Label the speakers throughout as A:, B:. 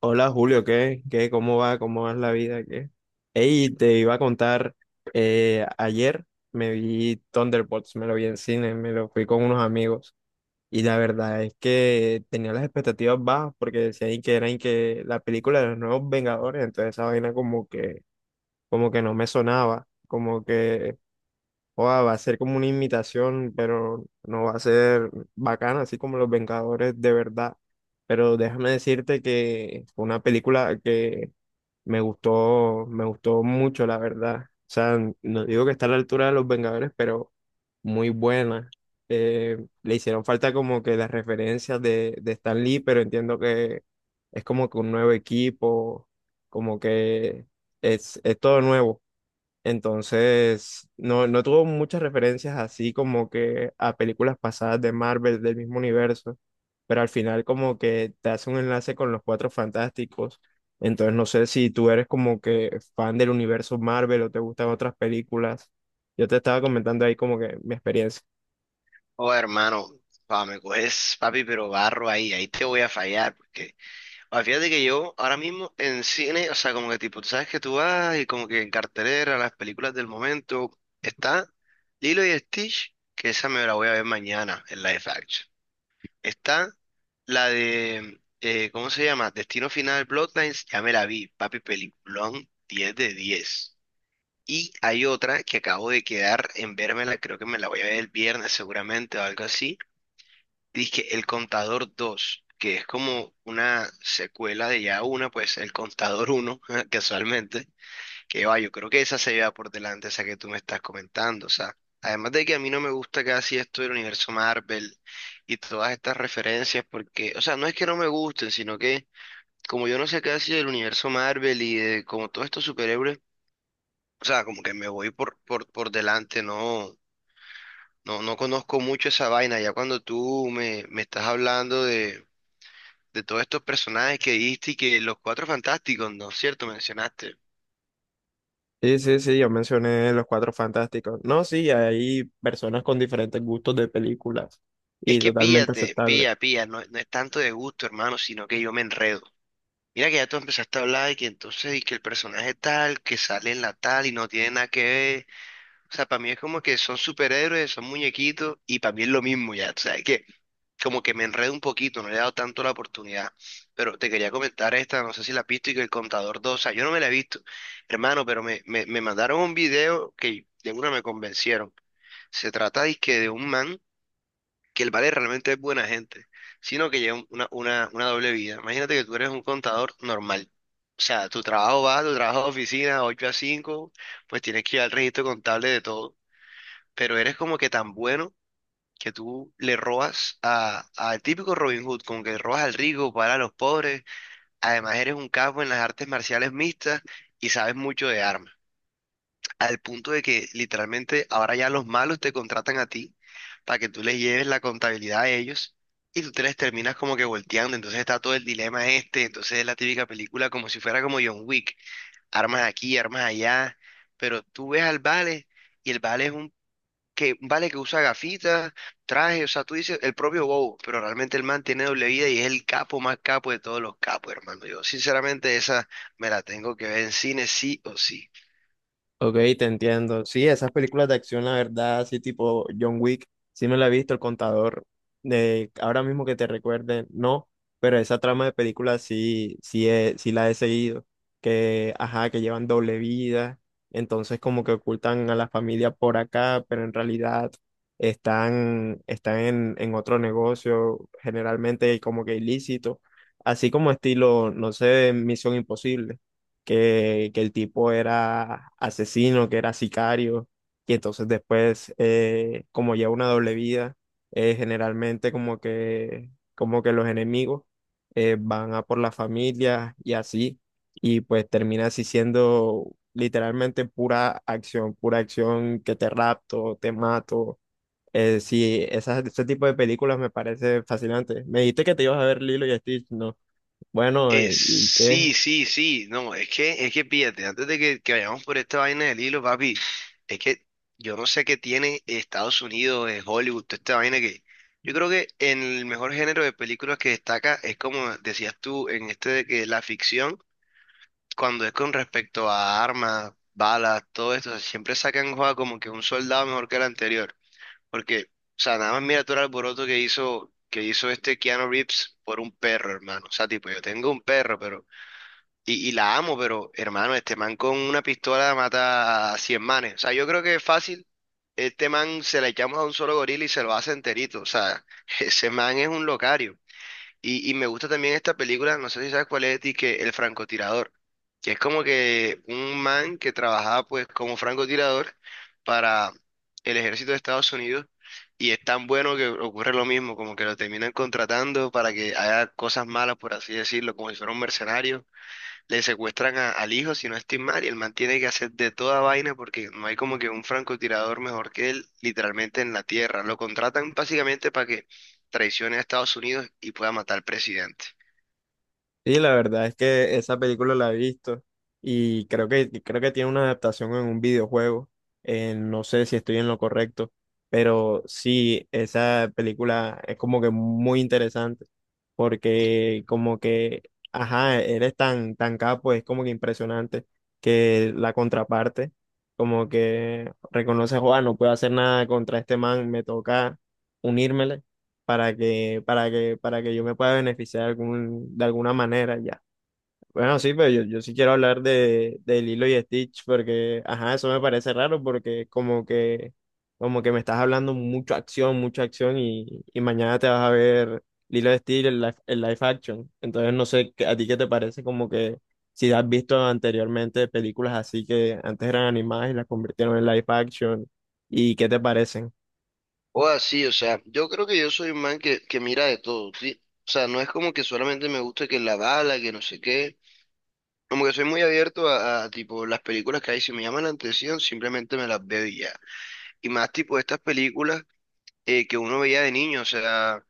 A: Hola Julio, ¿qué? ¿Qué? ¿Cómo va? ¿Cómo va la vida? ¿Qué? Ey, te iba a contar, ayer me vi Thunderbolts, me lo vi en cine, me lo fui con unos amigos y la verdad es que tenía las expectativas bajas porque decían que eran que la película de los nuevos Vengadores, entonces esa vaina como que no me sonaba, como que Oa, va a ser como una imitación, pero no va a ser bacana, así como Los Vengadores de verdad. Pero déjame decirte que fue una película que me gustó mucho, la verdad. O sea, no digo que está a la altura de Los Vengadores, pero muy buena. Le hicieron falta como que las referencias de Stan Lee, pero entiendo que es como que un nuevo equipo, como que es todo nuevo. Entonces, no tuvo muchas referencias así como que a películas pasadas de Marvel del mismo universo, pero al final como que te hace un enlace con los Cuatro Fantásticos. Entonces, no sé si tú eres como que fan del universo Marvel o te gustan otras películas. Yo te estaba comentando ahí como que mi experiencia.
B: Oh, hermano, pa, me coges, papi, pero barro ahí, ahí te voy a fallar, porque, pa, fíjate que yo ahora mismo en cine, o sea, como que tipo, tú sabes que tú vas y como que en cartelera, las películas del momento, está Lilo y Stitch, que esa me la voy a ver mañana en live action. Está la de, ¿cómo se llama? Destino Final Bloodlines, ya me la vi, papi, peliculón 10 de diez. Y hay otra que acabo de quedar en vérmela, creo que me la voy a ver el viernes seguramente o algo así. Dije, El Contador dos que es como una secuela de ya una, pues El Contador uno casualmente, que va, yo creo que esa se lleva por delante, esa que tú me estás comentando, o sea, además de que a mí no me gusta casi esto del universo Marvel y todas estas referencias, porque, o sea, no es que no me gusten, sino que como yo no sé casi del universo Marvel y de como todos estos superhéroes, o sea, como que me voy por, por delante, no, no, no conozco mucho esa vaina, ya cuando tú me estás hablando de todos estos personajes que diste y que los cuatro fantásticos, ¿no es cierto? Mencionaste.
A: Sí, sí, sí, yo mencioné los Cuatro Fantásticos. No, sí, hay personas con diferentes gustos de películas
B: Es
A: y
B: que
A: totalmente
B: píllate,
A: aceptable.
B: pilla, pilla, no, no es tanto de gusto, hermano, sino que yo me enredo. Mira que ya tú empezaste a hablar y que entonces y que el personaje tal, que sale en la tal y no tiene nada que ver. O sea, para mí es como que son superhéroes, son muñequitos y para mí es lo mismo ya. O sea, que como que me enredo un poquito, no le he dado tanto la oportunidad. Pero te quería comentar esta, no sé si la has visto, y que el Contador dos o sea, yo no me la he visto, hermano, pero me mandaron un video que de una me convencieron. Se trata dizque de un man que el vale realmente es buena gente, sino que lleva una doble vida. Imagínate que tú eres un contador normal. O sea, tu trabajo va, tu trabajo de oficina, 8 a 5 pues tienes que ir al registro contable de todo. Pero eres como que tan bueno que tú le robas al típico Robin Hood, como que le robas al rico para a los pobres. Además, eres un capo en las artes marciales mixtas y sabes mucho de armas. Al punto de que literalmente ahora ya los malos te contratan a ti para que tú les lleves la contabilidad a ellos y tú te les terminas como que volteando. Entonces está todo el dilema este. Entonces es la típica película como si fuera como John Wick. Armas aquí, armas allá. Pero tú ves al Vale y el Vale es un que vale que usa gafitas, traje, o sea, tú dices el propio Bow, pero realmente el man tiene doble vida y es el capo más capo de todos los capos, hermano. Yo sinceramente esa me la tengo que ver en cine sí o sí.
A: Ok, te entiendo. Sí, esas películas de acción, la verdad, sí, tipo John Wick, sí me la he visto, El Contador, de ahora mismo que te recuerde, no, pero esa trama de películas sí, sí la he seguido, que, ajá, que llevan doble vida, entonces como que ocultan a la familia por acá, pero en realidad están en otro negocio, generalmente como que ilícito, así como estilo, no sé, Misión Imposible que el tipo era asesino, que era sicario, y entonces después, como lleva una doble vida, generalmente como que los enemigos van a por la familia y así, y pues termina así siendo literalmente pura acción que te rapto, te mato. Ese tipo de películas me parece fascinante. Me dijiste que te ibas a ver Lilo y Stitch, ¿no? Bueno,
B: Es
A: ¿y qué?
B: sí, sí, sí, no, es que pídate, antes de que vayamos por esta vaina del hilo, papi, es que yo no sé qué tiene Estados Unidos, Hollywood, toda esta vaina que... Yo creo que en el mejor género de películas que destaca es como decías tú en este de que la ficción cuando es con respecto a armas, balas, todo esto, o sea, siempre sacan juega como que un soldado mejor que el anterior. Porque, o sea, nada más mira todo el alboroto que hizo este Keanu Reeves por un perro, hermano. O sea, tipo, yo tengo un perro, pero, y la amo, pero, hermano, este man con una pistola mata a 100 manes. O sea, yo creo que es fácil. Este man se la echamos a un solo gorila y se lo hace enterito. O sea, ese man es un locario. Y me gusta también esta película, no sé si sabes cuál es, y que El francotirador, que es como que un man que trabajaba pues como francotirador para el ejército de Estados Unidos y es tan bueno que ocurre lo mismo, como que lo terminan contratando para que haga cosas malas, por así decirlo, como si fuera un mercenario le secuestran al hijo, si no estoy mal, y el man tiene que hacer de toda vaina porque no hay como que un francotirador mejor que él, literalmente en la tierra. Lo contratan básicamente para que traicione a Estados Unidos y pueda matar al presidente.
A: Sí, la verdad es que esa película la he visto y creo que tiene una adaptación en un videojuego. No sé si estoy en lo correcto, pero sí, esa película es como que muy interesante porque como que, ajá, eres tan capo, es como que impresionante que la contraparte como que reconoce, Juan, no puedo hacer nada contra este man, me toca unírmele para que yo me pueda beneficiar de, algún, de alguna manera ya. Bueno, sí, pero yo sí quiero hablar de Lilo y Stitch porque, ajá, eso me parece raro porque como que me estás hablando mucha acción y mañana te vas a ver Lilo y Stitch en live action. Entonces no sé, ¿a ti qué te parece? Como que si has visto anteriormente películas así que antes eran animadas y las convirtieron en live action, ¿y qué te parecen?
B: O así, o sea, yo creo que yo soy un man que mira de todo, ¿sí? O sea, no es como que solamente me gusta que la bala, que no sé qué. Como que soy muy abierto a tipo las películas que hay, si me llaman la atención, simplemente me las veo y ya. Y más tipo estas películas que uno veía de niño, o sea,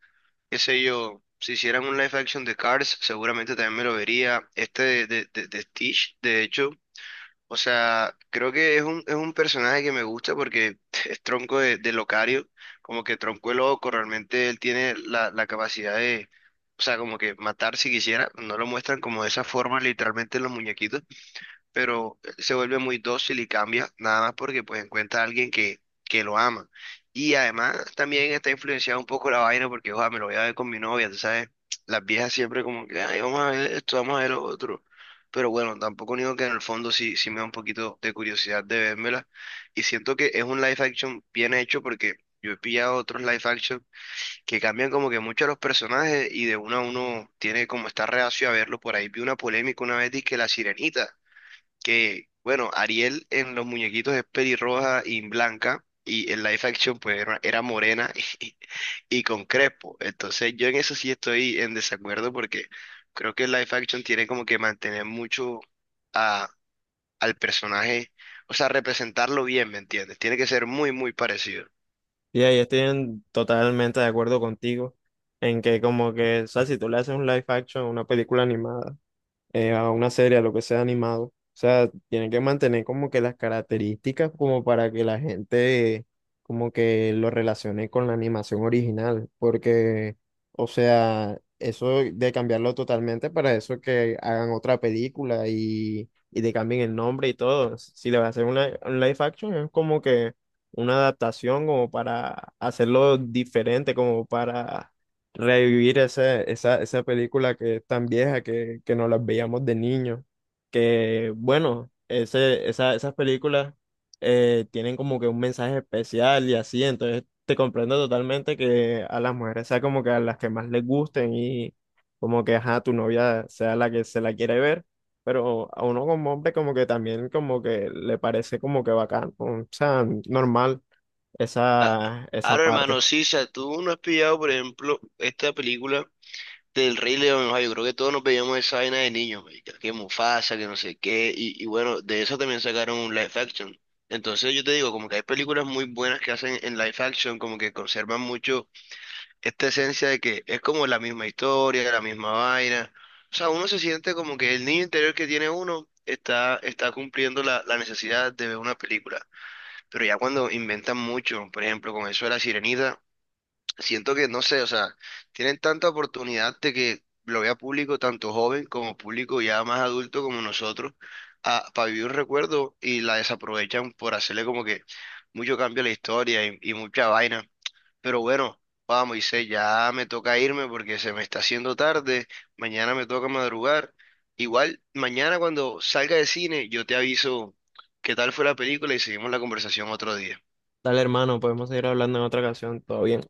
B: qué sé yo, si hicieran un live action de Cars, seguramente también me lo vería. Este de, de Stitch, de hecho, o sea, creo que es un personaje que me gusta porque es tronco de, locario, como que tronco de loco, realmente él tiene la capacidad de, o sea, como que matar si quisiera, no lo muestran como de esa forma literalmente en los muñequitos pero se vuelve muy dócil y cambia, nada más porque pues encuentra a alguien que lo ama. Y además también está influenciado un poco la vaina porque, ojalá, me lo voy a ver con mi novia, tú sabes, las viejas siempre como que, ay, vamos a ver esto, vamos a ver lo otro. Pero bueno, tampoco digo que en el fondo sí, sí me da un poquito de curiosidad de vérmela. Y siento que es un live action bien hecho porque yo he pillado otros live action que cambian como que mucho a los personajes y de uno a uno tiene como esta reacio a verlo. Por ahí vi una polémica una vez, que la sirenita que, bueno, Ariel en los muñequitos es pelirroja y blanca, y en live action pues era morena y, y con crespo. Entonces yo en eso sí estoy en desacuerdo porque creo que el live action tiene como que mantener mucho a, al personaje, o sea, representarlo bien, ¿me entiendes? Tiene que ser muy, muy parecido.
A: Totalmente de acuerdo contigo en que como que, o sea, si tú le haces un live action a una película animada, a una serie, a lo que sea animado. O sea, tienen que mantener como que las características como para que la gente como que lo relacione con la animación original, porque, o sea, eso de cambiarlo totalmente para eso que hagan otra película y te cambien el nombre y todo. Si le vas a hacer un live action es como que una adaptación como para hacerlo diferente, como para revivir esa película que es tan vieja que nos las veíamos de niños. Que bueno, esas películas tienen como que un mensaje especial y así, entonces te comprendo totalmente que a las mujeres sea como que a las que más les gusten y como que ajá, tu novia sea la que se la quiere ver. Pero a uno como hombre como que también como que le parece como que bacán, o sea, normal
B: Ah,
A: esa
B: ahora,
A: parte.
B: hermano, sí, o sea, tú no has pillado, por ejemplo, esta película del Rey León, o sea, yo creo que todos nos veíamos esa vaina de niños, marica, que Mufasa, que no sé qué, y bueno, de eso también sacaron un live action. Entonces yo te digo, como que hay películas muy buenas que hacen en live action, como que conservan mucho esta esencia de que es como la misma historia, la misma vaina. O sea, uno se siente como que el niño interior que tiene uno está cumpliendo la necesidad de ver una película. Pero ya cuando inventan mucho, por ejemplo, con eso de la Sirenita siento que, no sé, o sea, tienen tanta oportunidad de que lo vea público, tanto joven como público ya más adulto como nosotros, para vivir un recuerdo y la desaprovechan por hacerle como que mucho cambio a la historia y mucha vaina. Pero bueno, vamos, Moisés, ya me toca irme porque se me está haciendo tarde, mañana me toca madrugar. Igual, mañana cuando salga de cine, yo te aviso qué tal fue la película y seguimos la conversación otro día.
A: Dale, hermano, podemos seguir hablando en otra ocasión. Todo bien.